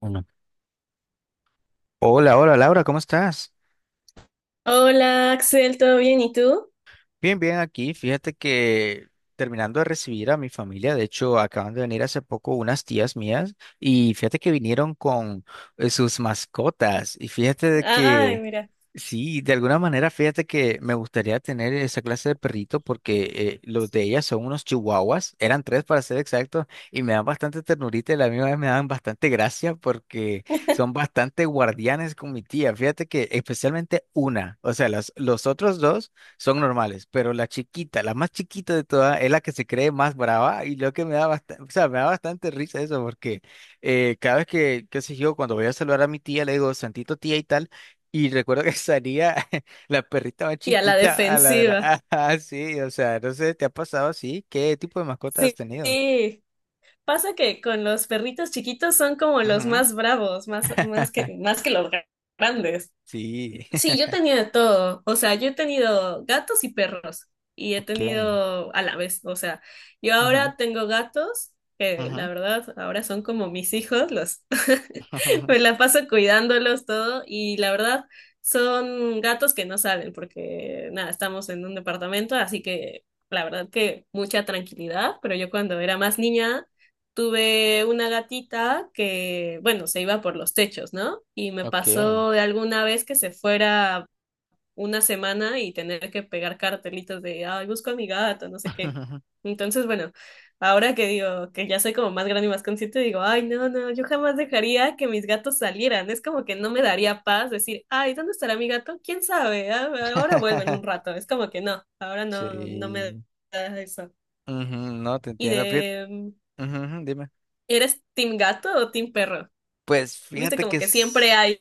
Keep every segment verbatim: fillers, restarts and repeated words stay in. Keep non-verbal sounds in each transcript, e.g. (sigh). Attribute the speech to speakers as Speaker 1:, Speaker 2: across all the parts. Speaker 1: Uno. Hola, hola Laura, ¿cómo estás?
Speaker 2: Hola Axel, ¿todo bien? ¿Y tú?
Speaker 1: Bien, bien, aquí fíjate que terminando de recibir a mi familia, de hecho acaban de venir hace poco unas tías mías y fíjate que vinieron con eh, sus mascotas y fíjate de
Speaker 2: Ay,
Speaker 1: que
Speaker 2: mira.
Speaker 1: sí, de alguna manera fíjate que me gustaría tener esa clase de perrito porque eh, los de ellas son unos chihuahuas, eran tres para ser exactos y me dan bastante ternurita y la misma vez me dan bastante gracia porque son bastante guardianes con mi tía, fíjate que especialmente una, o sea, las, los otros dos son normales, pero la chiquita, la más chiquita de todas, es la que se cree más brava y lo que me da bastante, o sea, me da bastante risa eso porque eh, cada vez que, qué sé yo, cuando voy a saludar a mi tía, le digo, Santito tía y tal, y recuerdo que salía (laughs) la perrita más
Speaker 2: Y a la
Speaker 1: chiquita a ladrar,
Speaker 2: defensiva.
Speaker 1: (laughs) así, o sea, no sé, ¿te ha pasado así? ¿Qué tipo de mascota has
Speaker 2: Sí,
Speaker 1: tenido?
Speaker 2: sí. Pasa que con los perritos chiquitos son como los
Speaker 1: Ujú.
Speaker 2: más bravos, más, más
Speaker 1: (laughs)
Speaker 2: que, más que los grandes.
Speaker 1: Sí,
Speaker 2: Sí, yo he
Speaker 1: (laughs)
Speaker 2: tenido de todo. O sea, yo he tenido gatos y perros. Y he
Speaker 1: ok.
Speaker 2: tenido a la vez. O sea, yo
Speaker 1: Ujú,
Speaker 2: ahora tengo gatos, que la
Speaker 1: ujú,
Speaker 2: verdad ahora son como mis hijos. Los (laughs)
Speaker 1: (laughs)
Speaker 2: me la paso cuidándolos todo. Y la verdad son gatos que no salen porque nada, estamos en un departamento, así que la verdad que mucha tranquilidad. Pero yo cuando era más niña tuve una gatita que, bueno, se iba por los techos, ¿no? Y me
Speaker 1: ok.
Speaker 2: pasó de alguna vez que se fuera una semana y tener que pegar cartelitos de, ay, busco a mi gato, no sé qué.
Speaker 1: (laughs)
Speaker 2: Entonces, bueno, ahora que digo que ya soy como más grande y más consciente, digo, ay, no, no, yo jamás dejaría que mis gatos salieran. Es como que no me daría paz decir, ay, ¿dónde estará mi gato? ¿Quién sabe? Ah, ahora vuelven un rato. Es como que no, ahora no, no me
Speaker 1: Sí.
Speaker 2: da eso.
Speaker 1: Ujú, no, te
Speaker 2: Y
Speaker 1: entiendo. Fíjate,
Speaker 2: de...
Speaker 1: ujú, ujú, dime.
Speaker 2: ¿Eres team gato o team perro?
Speaker 1: Pues
Speaker 2: Viste,
Speaker 1: fíjate que
Speaker 2: como que siempre
Speaker 1: es...
Speaker 2: hay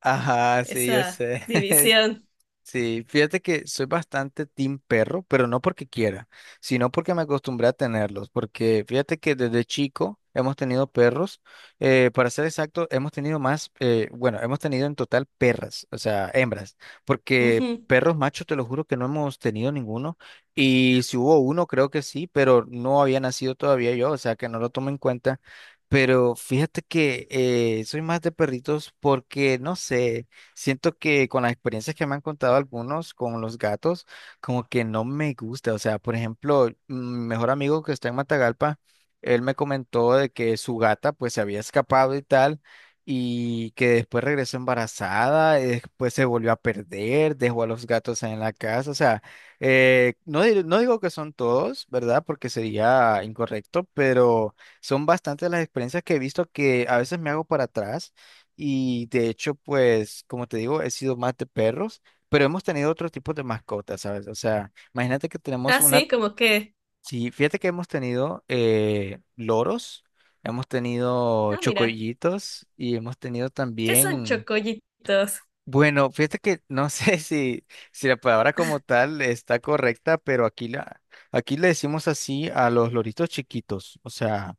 Speaker 1: Ajá, sí, yo
Speaker 2: esa
Speaker 1: sé. (laughs)
Speaker 2: división.
Speaker 1: Sí, fíjate que soy bastante team perro, pero no porque quiera, sino porque me acostumbré a tenerlos, porque fíjate que desde chico hemos tenido perros, eh, para ser exacto, hemos tenido más, eh, bueno, hemos tenido en total perras, o sea, hembras, porque
Speaker 2: Ujú.
Speaker 1: perros machos te lo juro que no hemos tenido ninguno, y si hubo uno creo que sí, pero no había nacido todavía yo, o sea que no lo tomo en cuenta, pero fíjate que eh, soy más de perritos porque, no sé. Siento que con las experiencias que me han contado algunos con los gatos, como que no me gusta. O sea, por ejemplo, mi mejor amigo que está en Matagalpa, él me comentó de que su gata pues se había escapado y tal, y que después regresó embarazada, y después se volvió a perder, dejó a los gatos en la casa. O sea, eh, no, dir- no digo que son todos, ¿verdad? Porque sería incorrecto, pero son bastantes las experiencias que he visto que a veces me hago para atrás y de hecho, pues, como te digo, he sido más de perros, pero hemos tenido otro tipo de mascotas, ¿sabes? O sea, imagínate que tenemos
Speaker 2: Ah,
Speaker 1: una,
Speaker 2: sí, como que.
Speaker 1: sí, fíjate que hemos tenido eh, loros, hemos tenido
Speaker 2: Ah, mira,
Speaker 1: chocollitos y hemos tenido
Speaker 2: ¿qué son
Speaker 1: también,
Speaker 2: chocollitos?
Speaker 1: bueno, fíjate que no sé (laughs) si, si la palabra como tal está correcta, pero aquí, la, aquí le decimos así a los loritos chiquitos, o sea,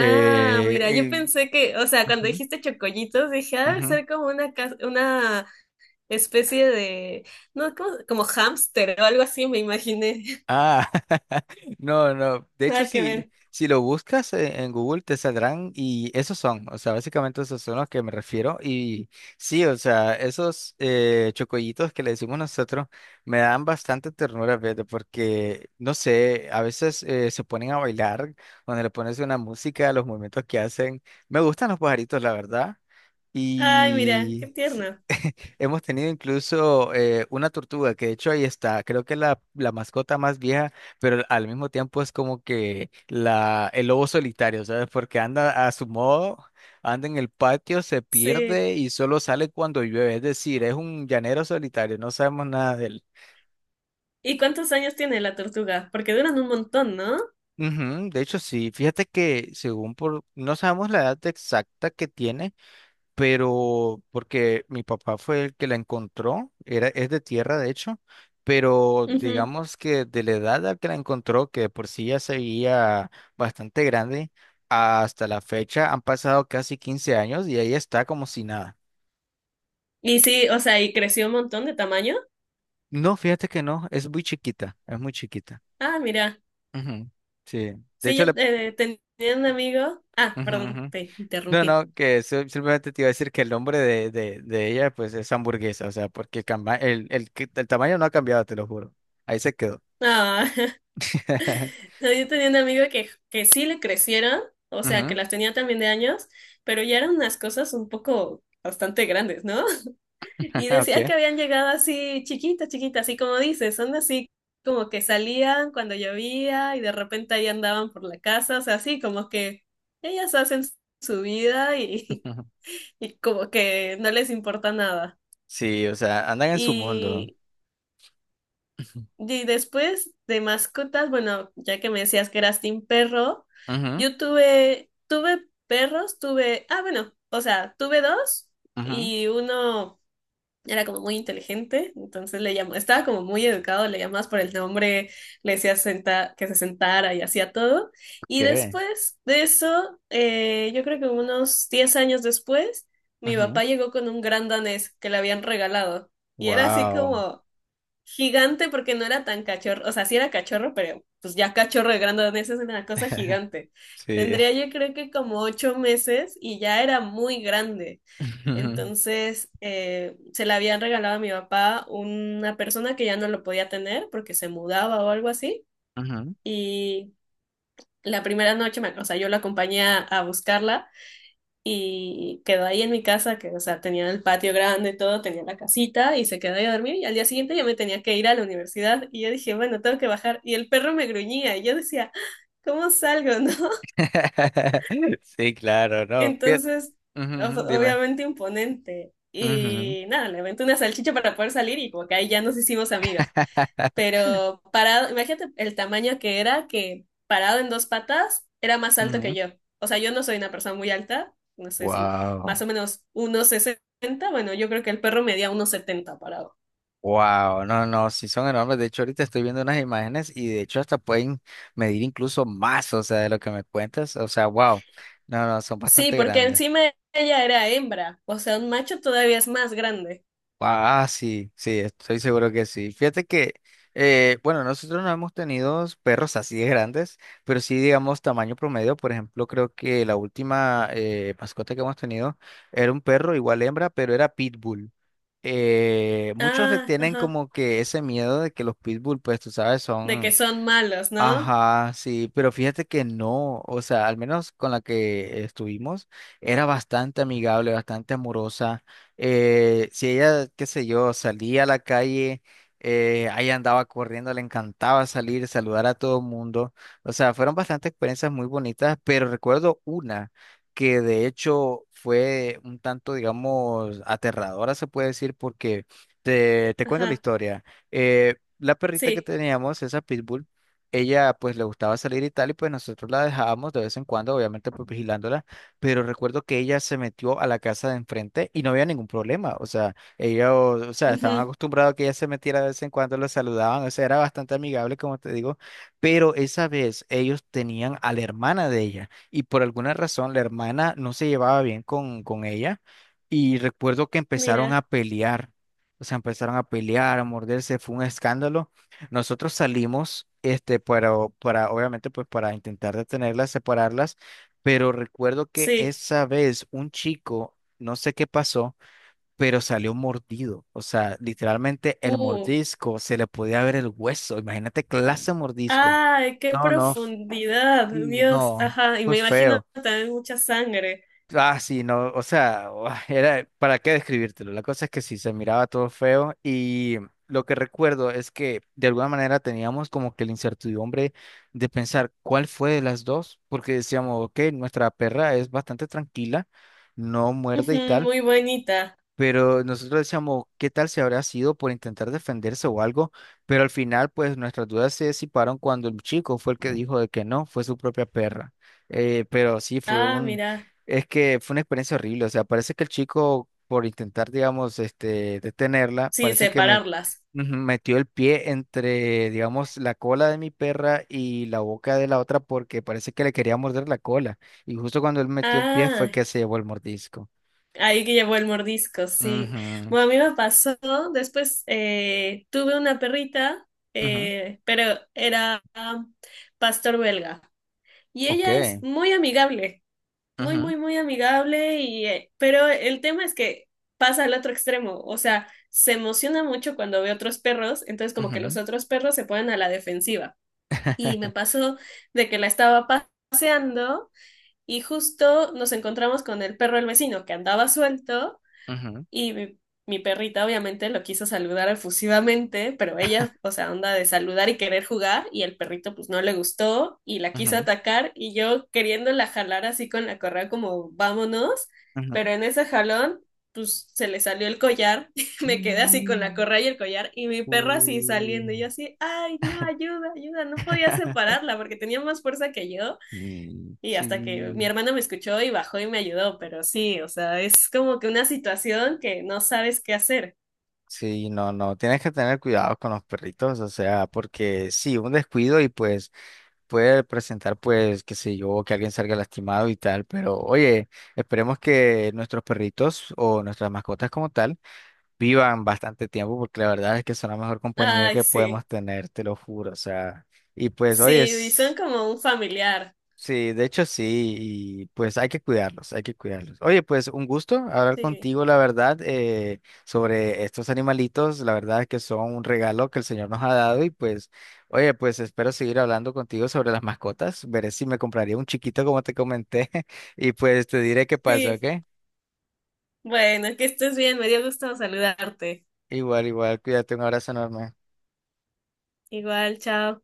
Speaker 2: Ah, mira, yo
Speaker 1: eh,
Speaker 2: pensé que, o sea, cuando
Speaker 1: ujú,
Speaker 2: dijiste chocollitos, dije, ah, debe
Speaker 1: ujú.
Speaker 2: ser como una, ca- una especie de, no, como, como hámster o algo así, me imaginé.
Speaker 1: Ah, (laughs) no, no. De
Speaker 2: (laughs)
Speaker 1: hecho,
Speaker 2: Nada que
Speaker 1: si,
Speaker 2: ver.
Speaker 1: si lo buscas e- en Google te saldrán y esos son, o sea, básicamente esos son los que me refiero. Y sí, o sea, esos eh, chocollitos que le decimos nosotros me dan bastante ternura, fíjate, porque, no sé, a veces eh, se ponen a bailar, cuando le pones una música, los movimientos que hacen. Me gustan los pajaritos, la verdad.
Speaker 2: Ay, mira, qué
Speaker 1: Y... sí.
Speaker 2: tierno.
Speaker 1: Hemos tenido incluso eh, una tortuga, que de hecho ahí está, creo que es la, la mascota más vieja, pero al mismo tiempo es como que la, el lobo solitario, ¿sabes? Porque anda a su modo, anda en el patio, se
Speaker 2: Sí.
Speaker 1: pierde y solo sale cuando llueve, es decir, es un llanero solitario, no sabemos nada de él.
Speaker 2: ¿Y cuántos años tiene la tortuga? Porque duran un montón, ¿no?
Speaker 1: Ujú, de hecho, sí, fíjate que según por, no sabemos la edad exacta que tiene, pero porque mi papá fue el que la encontró, era, es de tierra de hecho, pero
Speaker 2: Ujú.
Speaker 1: digamos que de la edad a que la encontró, que de por sí ya se veía bastante grande, hasta la fecha han pasado casi quince años y ahí está como si nada.
Speaker 2: Y sí, o sea, y creció un montón de tamaño.
Speaker 1: No, fíjate que no, es muy chiquita, es muy chiquita.
Speaker 2: Ah, mira.
Speaker 1: Ujú, sí, de
Speaker 2: Sí,
Speaker 1: hecho
Speaker 2: yo
Speaker 1: le...
Speaker 2: eh, tenía un amigo. Ah,
Speaker 1: ujú,
Speaker 2: perdón,
Speaker 1: ujú.
Speaker 2: te
Speaker 1: No,
Speaker 2: interrumpí.
Speaker 1: no, que eso simplemente te iba a decir que el nombre de, de, de ella pues es hamburguesa, o sea, porque camba- el, el, que- el tamaño no ha cambiado, te lo juro. Ahí se quedó.
Speaker 2: Ah, (laughs)
Speaker 1: (laughs)
Speaker 2: yo tenía un amigo que, que sí le crecieron, o sea, que
Speaker 1: Ujú,
Speaker 2: las tenía también de años, pero ya eran unas cosas un poco bastante grandes, ¿no? (laughs)
Speaker 1: (laughs)
Speaker 2: Y decía
Speaker 1: ok.
Speaker 2: que habían llegado así chiquitas, chiquitas, así como dices, son así como que salían cuando llovía y de repente ahí andaban por la casa, o sea, así como que ellas hacen su vida y,
Speaker 1: Ujú.
Speaker 2: (laughs) y como que no les importa nada.
Speaker 1: Sí, o sea, andan en su mundo.
Speaker 2: Y y después de mascotas, bueno, ya que me decías que eras team perro,
Speaker 1: Ujú,
Speaker 2: yo tuve, tuve perros, tuve, ah, bueno, o sea, tuve dos
Speaker 1: ujú,
Speaker 2: y uno era como muy inteligente, entonces le llamó, estaba como muy educado, le llamabas por el nombre, le decías senta- que se sentara y hacía todo.
Speaker 1: ok.
Speaker 2: Y después de eso, eh, yo creo que unos diez años después, mi
Speaker 1: Ujú,
Speaker 2: papá llegó con un gran danés que le habían regalado y era así
Speaker 1: wow.
Speaker 2: como... Gigante porque no era tan cachorro, o sea, sí era cachorro, pero pues ya cachorro de grandonés es una cosa gigante.
Speaker 1: Sí.
Speaker 2: Tendría yo creo que como ocho meses y ya era muy grande.
Speaker 1: Ujú,
Speaker 2: Entonces, eh, se la habían regalado a mi papá una persona que ya no lo podía tener porque se mudaba o algo así.
Speaker 1: ujú,
Speaker 2: Y la primera noche, me- o sea, yo la acompañé a, a buscarla y quedó ahí en mi casa, que, o sea, tenía el patio grande, todo, tenía la casita y se quedó ahí a dormir y al día siguiente yo me tenía que ir a la universidad y yo dije, bueno, tengo que bajar y el perro me gruñía y yo decía, "¡Ah! ¿cómo salgo?" (laughs)
Speaker 1: (laughs) sí, claro, no. Fie-
Speaker 2: Entonces,
Speaker 1: ujú, ujú,
Speaker 2: o-
Speaker 1: dime.
Speaker 2: obviamente imponente.
Speaker 1: Ujú,
Speaker 2: Y nada, le aventé una salchicha para poder salir y como que ahí ya nos hicimos amigas.
Speaker 1: (laughs)
Speaker 2: Pero parado, imagínate el tamaño que era, que parado en dos patas era más alto que
Speaker 1: ujú.
Speaker 2: yo. O sea, yo no soy una persona muy alta, no sé, si
Speaker 1: Wow.
Speaker 2: más o menos uno sesenta. Bueno, yo creo que el perro medía uno setenta parado.
Speaker 1: Wow, no, no, sí son enormes. De hecho, ahorita estoy viendo unas imágenes y de hecho hasta pueden medir incluso más, o sea, de lo que me cuentas. O sea, wow. No, no, son
Speaker 2: Sí,
Speaker 1: bastante
Speaker 2: porque
Speaker 1: grandes.
Speaker 2: encima ella era hembra, o sea, un macho todavía es más grande.
Speaker 1: Wow, ah, sí, sí, estoy seguro que sí. Fíjate que, eh, bueno, nosotros no hemos tenido perros así de grandes, pero sí, digamos, tamaño promedio. Por ejemplo, creo que la última eh, mascota que hemos tenido era un perro, igual hembra, pero era pitbull. Eh, muchos le
Speaker 2: Ah,
Speaker 1: tienen
Speaker 2: ajá,
Speaker 1: como que ese miedo de que los pitbull, pues tú sabes,
Speaker 2: de que
Speaker 1: son...
Speaker 2: son malos, ¿no?
Speaker 1: Ajá, sí, pero fíjate que no, o sea, al menos con la que estuvimos, era bastante amigable, bastante amorosa. Eh, si ella, qué sé yo, salía a la calle, eh, ahí andaba corriendo, le encantaba salir, saludar a todo el mundo. O sea, fueron bastantes experiencias muy bonitas, pero recuerdo una que de hecho fue un tanto, digamos, aterradora, se puede decir, porque te, te cuento la
Speaker 2: Ajá,
Speaker 1: historia. Eh, La perrita que
Speaker 2: sí.
Speaker 1: teníamos, esa pitbull, ella pues le gustaba salir y tal, y pues nosotros la dejábamos de vez en cuando, obviamente pues vigilándola, pero recuerdo que ella se metió a la casa de enfrente y no había ningún problema, o sea, ella, o, o sea, estaban
Speaker 2: Ujú.
Speaker 1: acostumbrados a que ella se metiera de vez en cuando, la saludaban, o sea, era bastante amigable, como te digo, pero esa vez ellos tenían a la hermana de ella y por alguna razón la hermana no se llevaba bien con, con ella y recuerdo que empezaron a
Speaker 2: Mira,
Speaker 1: pelear. O sea, empezaron a pelear, a morderse, fue un escándalo. Nosotros salimos, este, para, para, obviamente, pues para intentar detenerlas, separarlas, pero recuerdo que
Speaker 2: sí.
Speaker 1: esa vez un chico, no sé qué pasó, pero salió mordido. O sea, literalmente el
Speaker 2: Uh,
Speaker 1: mordisco, se le podía ver el hueso. Imagínate clase de mordisco.
Speaker 2: ay, qué
Speaker 1: No, no,
Speaker 2: profundidad,
Speaker 1: sí,
Speaker 2: Dios.
Speaker 1: no,
Speaker 2: Ajá, y
Speaker 1: fue
Speaker 2: me imagino
Speaker 1: feo.
Speaker 2: también mucha sangre.
Speaker 1: Ah, sí, no, o sea, (laughs) era, ¿para qué describírtelo? La cosa es que sí, se miraba todo feo y lo que recuerdo es que de alguna manera teníamos como que la incertidumbre de pensar cuál fue de las dos, porque decíamos, ok, nuestra perra es bastante tranquila, no muerde
Speaker 2: Ujú,
Speaker 1: y tal.
Speaker 2: muy bonita.
Speaker 1: Pero nosotros decíamos, ¿qué tal si habrá sido por intentar defenderse o algo? Pero al final, pues nuestras dudas se disiparon cuando el chico fue el que dijo de que no, fue su propia perra. Eh, pero sí, fue
Speaker 2: Ah,
Speaker 1: un,
Speaker 2: mira.
Speaker 1: es que fue una experiencia horrible. O sea, parece que el chico, por intentar, digamos, este, detenerla,
Speaker 2: Sí,
Speaker 1: parece que me,
Speaker 2: separarlas.
Speaker 1: ujú, metió el pie entre, digamos, la cola de mi perra y la boca de la otra porque parece que le quería morder la cola. Y justo cuando él metió el pie fue
Speaker 2: Ah,
Speaker 1: que se llevó el mordisco.
Speaker 2: ahí que llevó el mordisco, sí.
Speaker 1: Ujú,
Speaker 2: Bueno, a mí me pasó, después eh, tuve una perrita,
Speaker 1: ujú.
Speaker 2: eh, pero era ah, pastor belga. Y
Speaker 1: Ok.
Speaker 2: ella es muy amigable. Muy,
Speaker 1: Ujú,
Speaker 2: muy, muy amigable y, eh, pero el tema es que pasa al otro extremo, o sea, se emociona mucho cuando ve otros perros, entonces como que los
Speaker 1: ujú,
Speaker 2: otros perros se ponen a la defensiva. Y me pasó de que la estaba paseando y justo nos encontramos con el perro del vecino que andaba suelto
Speaker 1: ujú,
Speaker 2: y mi, mi perrita obviamente lo quiso saludar efusivamente, pero ella, o sea, onda de saludar y querer jugar, y el perrito pues no le gustó y la quiso
Speaker 1: ujú,
Speaker 2: atacar y yo queriéndola jalar así con la correa como vámonos,
Speaker 1: ujú.
Speaker 2: pero en ese jalón pues se le salió el collar, (laughs) y me quedé así con la
Speaker 1: Mm,
Speaker 2: correa y el collar y mi perro así saliendo y yo
Speaker 1: uh.
Speaker 2: así, ay, no, ayuda, ayuda, no podía
Speaker 1: (laughs)
Speaker 2: separarla porque tenía más fuerza que yo.
Speaker 1: Mm,
Speaker 2: Y hasta que mi
Speaker 1: sí,
Speaker 2: hermano me escuchó y bajó y me ayudó, pero sí, o sea, es como que una situación que no sabes qué hacer.
Speaker 1: sí, no, no, tienes que tener cuidado con los perritos, o sea, porque sí, un descuido y pues puede presentar pues, qué sé yo, que alguien salga lastimado y tal, pero oye, esperemos que nuestros perritos o nuestras mascotas como tal vivan bastante tiempo porque la verdad es que son la mejor compañía
Speaker 2: Ay,
Speaker 1: que podemos
Speaker 2: sí,
Speaker 1: tener, te lo juro, o sea, y pues,
Speaker 2: sí,
Speaker 1: oye,
Speaker 2: y
Speaker 1: es-
Speaker 2: son como un familiar.
Speaker 1: sí, de hecho sí, y pues hay que cuidarlos, hay que cuidarlos. Oye, pues un gusto hablar
Speaker 2: Sí,
Speaker 1: contigo, la verdad, eh, sobre estos animalitos, la verdad es que son un regalo que el Señor nos ha dado y pues, oye, pues espero seguir hablando contigo sobre las mascotas, veré si me compraría un chiquito como te comenté (laughs) y pues te diré qué pasó, ¿ok?
Speaker 2: sí. Bueno, que estés bien, me dio gusto saludarte.
Speaker 1: Igual, igual, cuídate, un abrazo enorme.
Speaker 2: Igual, chao.